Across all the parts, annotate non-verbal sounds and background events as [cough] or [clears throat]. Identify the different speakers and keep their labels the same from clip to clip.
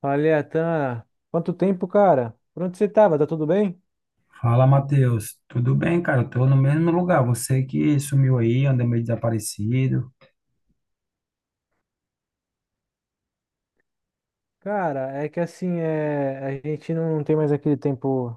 Speaker 1: Falei, Atan, quanto tempo, cara? Por onde você tava? Tá tudo bem?
Speaker 2: Fala, Matheus. Tudo bem, cara? Eu tô no mesmo lugar. Você que sumiu aí, anda meio desaparecido.
Speaker 1: Cara, é que assim, é, a gente não tem mais aquele tempo,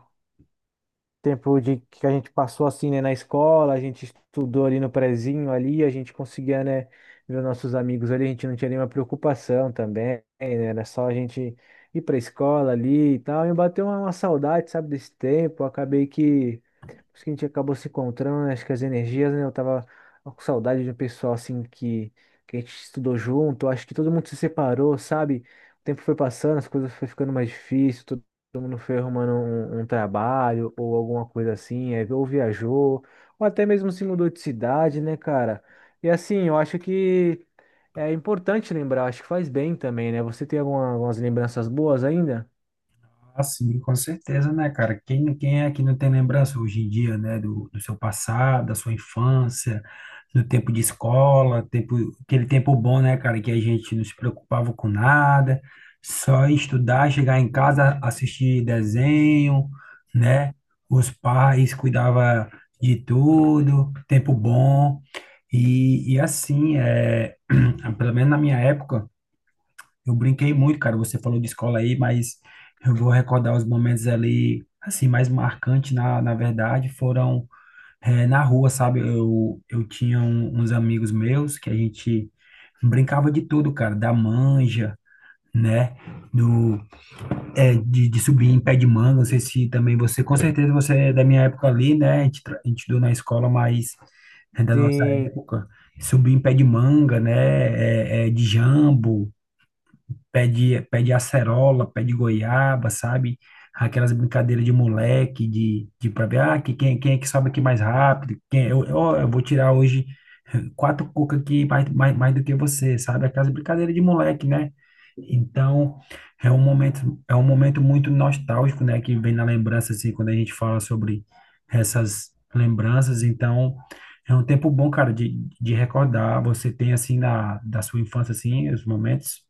Speaker 1: tempo de que a gente passou assim, né, na escola, a gente estudou ali no prezinho ali, a gente conseguia, né, ver os nossos amigos ali, a gente não tinha nenhuma preocupação também, né, era só a gente ir pra escola ali e tal, e bateu uma saudade, sabe, desse tempo, acabei que acho que a gente acabou se encontrando, né? Acho que as energias, né? Eu tava com saudade de um pessoal assim que a gente estudou junto. Acho que todo mundo se separou, sabe? O tempo foi passando, as coisas foi ficando mais difíceis, todo mundo foi arrumando um trabalho ou alguma coisa assim, aí ou viajou, ou até mesmo se mudou de cidade, né, cara? E assim, eu acho que é importante lembrar, acho que faz bem também, né? Você tem algumas lembranças boas ainda?
Speaker 2: Ah, sim, com certeza, né, cara? Quem é que não tem lembrança hoje em dia, né, do seu passado, da sua infância, do tempo de escola, tempo, aquele tempo bom, né, cara, que a gente não se preocupava com nada, só estudar, chegar em casa, assistir desenho, né? Os pais cuidavam de tudo, tempo bom. E assim, é, [clears throat] pelo menos na minha época, eu brinquei muito, cara. Você falou de escola aí, mas eu vou recordar os momentos ali, assim, mais marcantes, na verdade, foram na rua, sabe? Eu uns amigos meus que a gente brincava de tudo, cara, da manja, né? Do, de subir em pé de manga. Não sei se também você, com certeza você é da minha época ali, né? A gente, a gente estudou na escola, mas é da nossa
Speaker 1: Sim.
Speaker 2: época. Subir em pé de manga, né? É, é, de jambo, pé de acerola, pé de goiaba, sabe? Aquelas brincadeiras de moleque, de pra ver, ah, que, quem, quem é que sobe aqui mais rápido? Quem, é? Eu, eu vou tirar hoje quatro cuca aqui mais, mais do que você, sabe? Aquelas brincadeiras de moleque, né? Então, é um momento muito nostálgico, né? Que vem na lembrança, assim, quando a gente fala sobre essas lembranças. Então, é um tempo bom, cara, de recordar. Você tem, assim, na, da sua infância, assim, os momentos.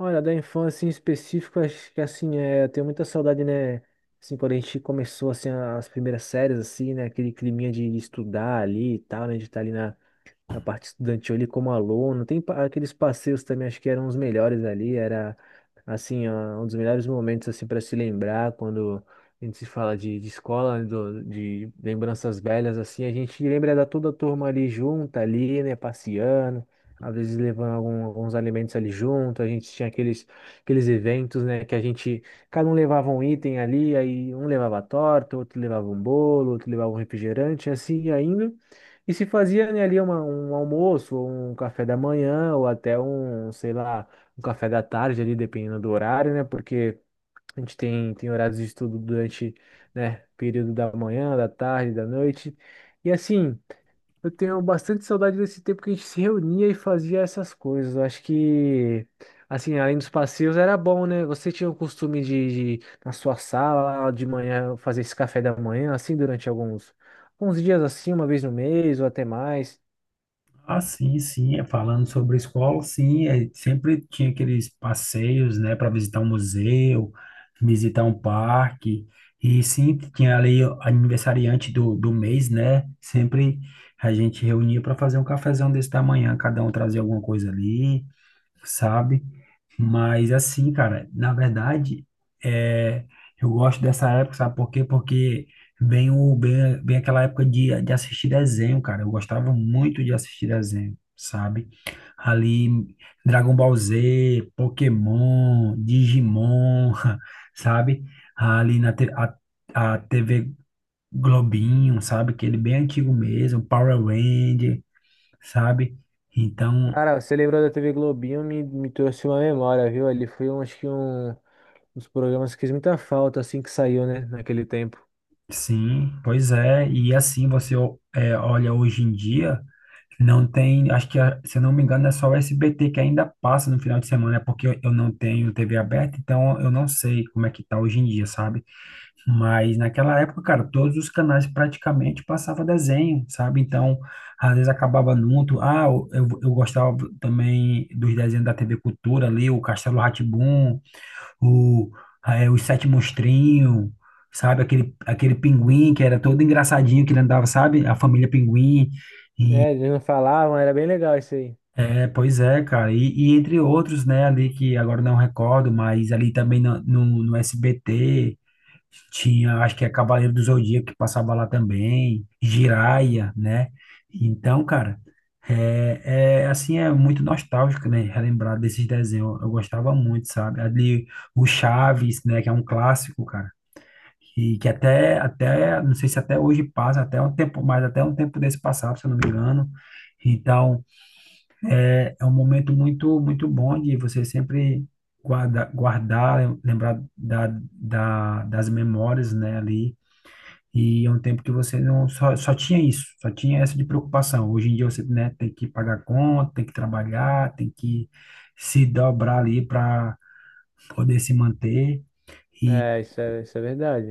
Speaker 1: Olha, da infância em específico, acho que assim, é, eu tenho muita saudade, né? Assim, quando a gente começou, assim, as primeiras séries, assim, né? Aquele climinha de estudar ali e tal, né? De estar ali na parte estudantil ali como aluno. Tem aqueles passeios também, acho que eram os melhores ali, era assim, ó, um dos melhores momentos assim para se lembrar quando a gente se fala de escola, né, de lembranças velhas assim, a gente lembra da toda a turma ali junta ali, né, passeando. Às vezes levando alguns alimentos ali junto, a gente tinha aqueles, aqueles eventos, né, que a gente, cada um levava um item ali, aí um levava torta, outro levava um bolo, outro levava um refrigerante, assim, e ainda. E se fazia, né, ali um almoço, ou um café da manhã, ou até um, sei lá, um café da tarde ali, dependendo do horário, né? Porque a gente tem horários de estudo durante, né, período da manhã, da tarde, da noite. E assim. Eu tenho bastante saudade desse tempo que a gente se reunia e fazia essas coisas. Eu acho que, assim, além dos passeios, era bom, né? Você tinha o costume na sua sala, de manhã, fazer esse café da manhã, assim, durante alguns dias, assim, uma vez no mês ou até mais.
Speaker 2: Ah, sim, sim, é, falando sobre escola, sim, é, sempre tinha aqueles passeios, né, para visitar um museu, visitar um parque, e sempre tinha ali o aniversariante do mês, né, sempre a gente reunia para fazer um cafezão desse da manhã, cada um trazia alguma coisa ali, sabe? Mas assim, cara, na verdade, é, eu gosto dessa época, sabe por quê? Porque bem, bem aquela época de assistir desenho, cara. Eu gostava muito de assistir desenho, sabe? Ali, Dragon Ball Z, Pokémon, Digimon, [laughs] sabe? Ali na a TV Globinho, sabe? Aquele bem antigo mesmo, Power Ranger, sabe? Então,
Speaker 1: Cara, você lembrou da TV Globinho, me trouxe uma memória, viu? Ali foi, um, acho que, um dos programas que fez muita falta, assim, que saiu, né, naquele tempo.
Speaker 2: sim, pois é. E assim você ó, é, olha hoje em dia. Não tem, acho que, ah, se eu não me engano, é só o SBT que ainda passa no final de semana, é porque eu não tenho TV aberta, então eu não sei como é que tá hoje em dia, sabe? Mas naquela época, cara, todos os canais praticamente passava desenho, sabe? Então, às vezes acabava junto. Ah, eu, eu gostava também dos desenhos da TV Cultura ali, o Castelo Rá, o, Os Sete Monstrinhos, sabe? Aquele, aquele pinguim que era todo engraçadinho, que ele andava, sabe? A família Pinguim.
Speaker 1: É, eles não falavam, era bem legal isso aí.
Speaker 2: É, pois é, cara. E entre outros, né, ali que agora não recordo, mas ali também no, no SBT tinha, acho que é Cavaleiro do Zodíaco que passava lá também, Jiraya, né? Então, cara, é, é assim, é muito nostálgico, né, relembrar desses desenhos. Eu gostava muito, sabe? Ali o Chaves, né, que é um clássico, cara. E que até, até, não sei se até hoje passa, até um tempo, mas até um tempo desse passado, se eu não me engano. Então, é um momento muito bom de você sempre guardar, lembrar da, da, das memórias, né, ali. E é um tempo que você não só, só tinha isso, só tinha essa de preocupação. Hoje em dia você, né, tem que pagar conta, tem que trabalhar, tem que se dobrar ali para poder se manter. E,
Speaker 1: É, isso é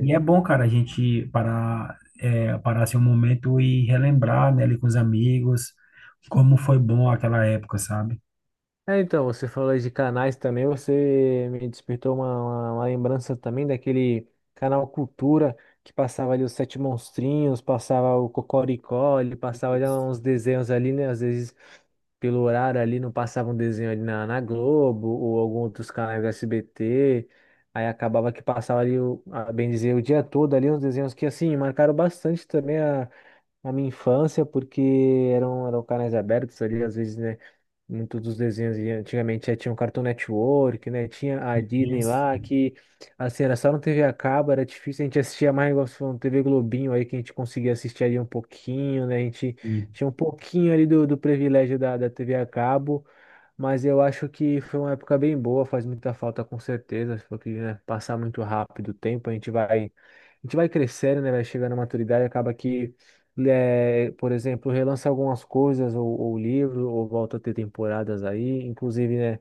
Speaker 2: e é bom, cara, a gente parar, é, parar assim um momento e relembrar, né, ali com os amigos, como foi bom aquela época, sabe?
Speaker 1: É, então, você falou aí de canais também, você me despertou uma, uma lembrança também daquele canal Cultura, que passava ali os Sete Monstrinhos, passava o Cocoricó, ele passava ali uns desenhos ali, né? Às vezes, pelo horário ali, não passava um desenho ali na Globo ou algum outros canais do SBT. Aí acabava que passava ali, o, a bem dizer, o dia todo ali, uns desenhos que, assim, marcaram bastante também na minha infância, porque eram canais abertos ali, às vezes, né? Muitos dos desenhos e antigamente tinha o Cartoon Network, né? Tinha a Disney
Speaker 2: Isso.
Speaker 1: lá, que assim, era só no TV a cabo, era difícil, a gente assistia mais igual você falou, no TV Globinho aí, que a gente conseguia assistir ali um pouquinho, né? A gente
Speaker 2: Hum,
Speaker 1: tinha um pouquinho ali do privilégio da TV a cabo. Mas eu acho que foi uma época bem boa, faz muita falta com certeza, porque, né, passar muito rápido o tempo, a gente vai crescendo, né, vai chegando à maturidade, acaba que, eh, por exemplo, relança algumas coisas, ou livro, ou volta a ter temporadas aí, inclusive, né,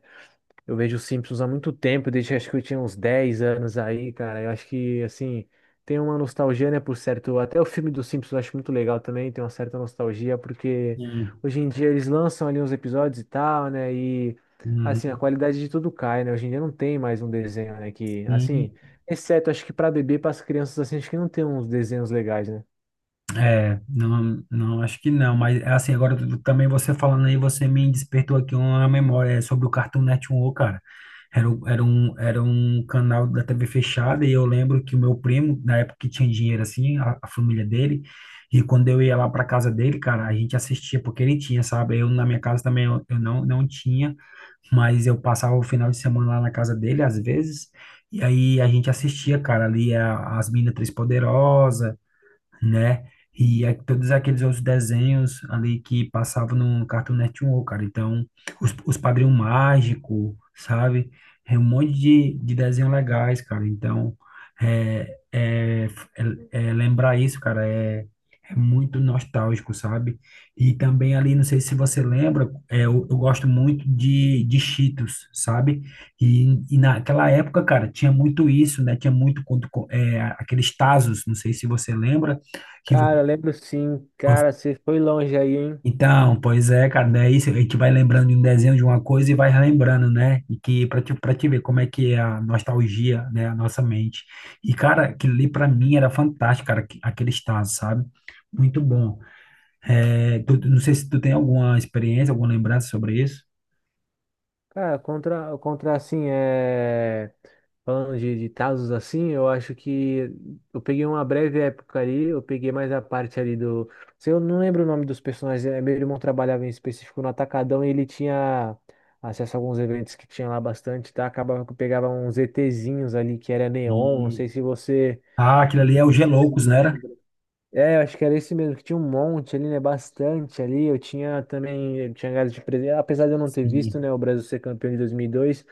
Speaker 1: eu vejo os Simpsons há muito tempo, desde acho que eu tinha uns 10 anos aí, cara. Eu acho que, assim, tem uma nostalgia, né, por certo. Até o filme dos Simpsons eu acho muito legal também, tem uma certa nostalgia, porque
Speaker 2: hum,
Speaker 1: hoje em dia eles lançam ali uns episódios e tal, né, e, assim, a
Speaker 2: uhum,
Speaker 1: qualidade de tudo cai, né. Hoje em dia não tem mais um desenho, né, que,
Speaker 2: hum.
Speaker 1: assim, exceto acho que para bebê, para as crianças, assim, acho que não tem uns desenhos legais, né.
Speaker 2: É, não, não, acho que não, mas assim, agora também você falando aí, você me despertou aqui uma memória é, sobre o Cartoon Network, cara. Era, era um canal da TV fechada e eu lembro que o meu primo, na época que tinha dinheiro assim, a família dele, e quando eu ia lá para casa dele, cara, a gente assistia porque ele tinha, sabe? Eu na minha casa também eu não, não tinha. Mas eu passava o final de semana lá na casa dele, às vezes, e aí a gente assistia, cara, ali as Minas Três Poderosas, né? E todos aqueles outros desenhos ali que passavam no Cartoon Network, cara. Então, os Padrinhos Mágico, sabe? É um monte de desenhos legais, cara. Então, é, é, é lembrar isso, cara, é, é muito nostálgico, sabe? E também ali, não sei se você lembra, é, eu gosto muito de Cheetos, sabe? E naquela época, cara, tinha muito isso, né? Tinha muito quando, é, aqueles Tazos, não sei se você lembra, que vo-
Speaker 1: Cara, lembro sim, cara, você foi longe aí, hein?
Speaker 2: Então, pois é, cara, daí a gente vai lembrando de um desenho de uma coisa e vai relembrando, né? E que para te ver como é que é a nostalgia, né, a nossa mente. E, cara, aquilo ali para mim era fantástico, cara, aquele estado, sabe? Muito bom. É, não sei se tu tem alguma experiência, alguma lembrança sobre isso.
Speaker 1: Cara, contra assim, é. Falando de casos assim, eu acho que eu peguei uma breve época ali, eu peguei mais a parte ali do. Se eu não lembro o nome dos personagens, eh, meu irmão trabalhava em específico no Atacadão e ele tinha acesso a alguns eventos que tinha lá bastante, tá? Acabava que eu pegava uns ETzinhos ali que era neon, não
Speaker 2: E,
Speaker 1: sei se você.
Speaker 2: ah, aquilo ali é o G
Speaker 1: Você se
Speaker 2: Loucos, né? Era?
Speaker 1: lembra. É, eu acho que era esse mesmo, que tinha um monte ali, né? Bastante ali. Eu tinha também, eu tinha gado de presente. Apesar de eu não ter visto,
Speaker 2: Sim.
Speaker 1: né, o Brasil ser campeão de 2002,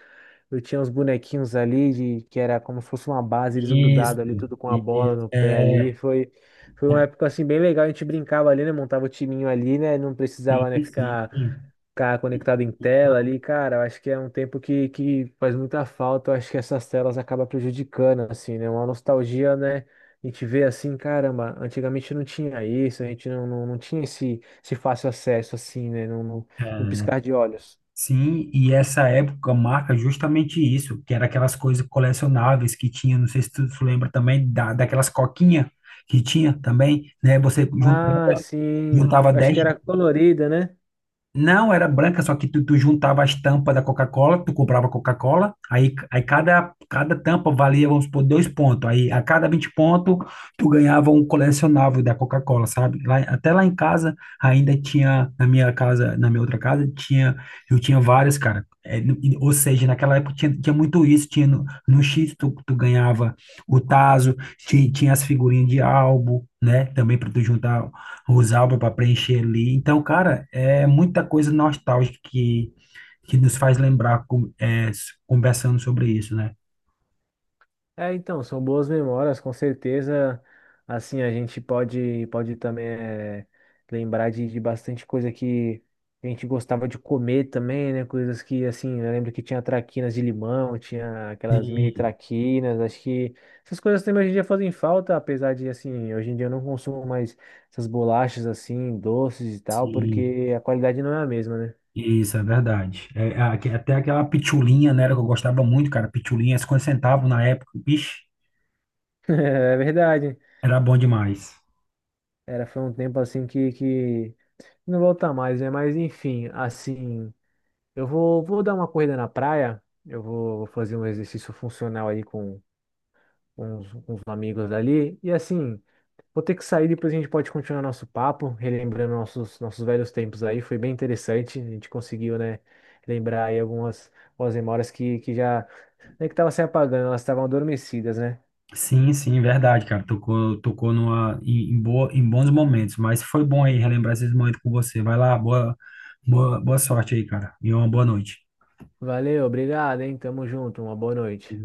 Speaker 1: eu tinha uns bonequinhos ali de, que era como se fosse uma base, eles
Speaker 2: Isso,
Speaker 1: grudados ali, tudo com a bola
Speaker 2: isso.
Speaker 1: no pé ali.
Speaker 2: É,
Speaker 1: Foi, foi uma época assim bem legal, a gente brincava ali, né? Montava o timinho ali, né? Não
Speaker 2: é,
Speaker 1: precisava, né,
Speaker 2: sim,
Speaker 1: ficar
Speaker 2: sim.
Speaker 1: conectado em tela ali, cara, eu acho que é um tempo que faz muita falta, eu acho que essas telas acabam prejudicando, assim, né? Uma nostalgia, né? A gente vê assim, caramba, antigamente não tinha isso, a gente não, não, não tinha esse, esse fácil acesso, assim, né? Num piscar de olhos.
Speaker 2: Sim, e essa época marca justamente isso, que era aquelas coisas colecionáveis que tinha, não sei se tu, tu lembra também, da, daquelas coquinhas que tinha também, né? Você
Speaker 1: Ah,
Speaker 2: juntava,
Speaker 1: sim,
Speaker 2: juntava
Speaker 1: acho
Speaker 2: dez,
Speaker 1: que era colorida, né?
Speaker 2: não, era branca, só que tu, tu juntava as tampas da Coca-Cola, tu comprava Coca-Cola, aí, aí cada, cada tampa valia, vamos supor, dois pontos. Aí a cada 20 pontos, tu ganhava um colecionável da Coca-Cola, sabe? Lá, até lá em casa, ainda tinha, na minha casa, na minha outra casa, tinha, eu tinha várias, cara. É, ou seja, naquela época tinha, tinha muito isso, tinha no, no X tu, tu ganhava o tazo, tinha, as figurinhas de álbum, né? Também para tu juntar usava para preencher ali. Então, cara, é muita coisa nostálgica que nos faz lembrar é, conversando sobre isso, né?
Speaker 1: É, então, são boas memórias, com certeza. Assim, a gente pode também eh, lembrar de bastante coisa que a gente gostava de comer também, né? Coisas que, assim, eu lembro que tinha traquinas de limão, tinha aquelas mini
Speaker 2: Sim,
Speaker 1: traquinas. Acho que essas coisas também hoje em dia fazem falta, apesar de, assim, hoje em dia eu não consumo mais essas bolachas, assim, doces e tal,
Speaker 2: sim,
Speaker 1: porque a qualidade não é a mesma, né?
Speaker 2: isso é verdade. É, é até aquela pitulinha, né, era que eu gostava muito, cara, pitulinha, 50 centavos na época, bicho,
Speaker 1: [laughs] É verdade.
Speaker 2: era bom demais.
Speaker 1: Era, foi um tempo, assim, que... não volta mais, né? Mas enfim, assim, eu vou dar uma corrida na praia, eu vou fazer um exercício funcional aí com, com os amigos dali. E assim, vou ter que sair, depois a gente pode continuar nosso papo, relembrando nossos, nossos velhos tempos aí. Foi bem interessante, a gente conseguiu, né, lembrar aí algumas, algumas memórias que já, nem que estavam se apagando, elas estavam adormecidas, né?
Speaker 2: Sim, sim, verdade, cara. Tocou, tocou numa, em, em boa, em bons momentos, mas foi bom aí relembrar esses momentos com você. Vai lá, boa, boa sorte aí, cara, e uma boa noite.
Speaker 1: Valeu, obrigado, hein? Tamo junto, uma boa noite.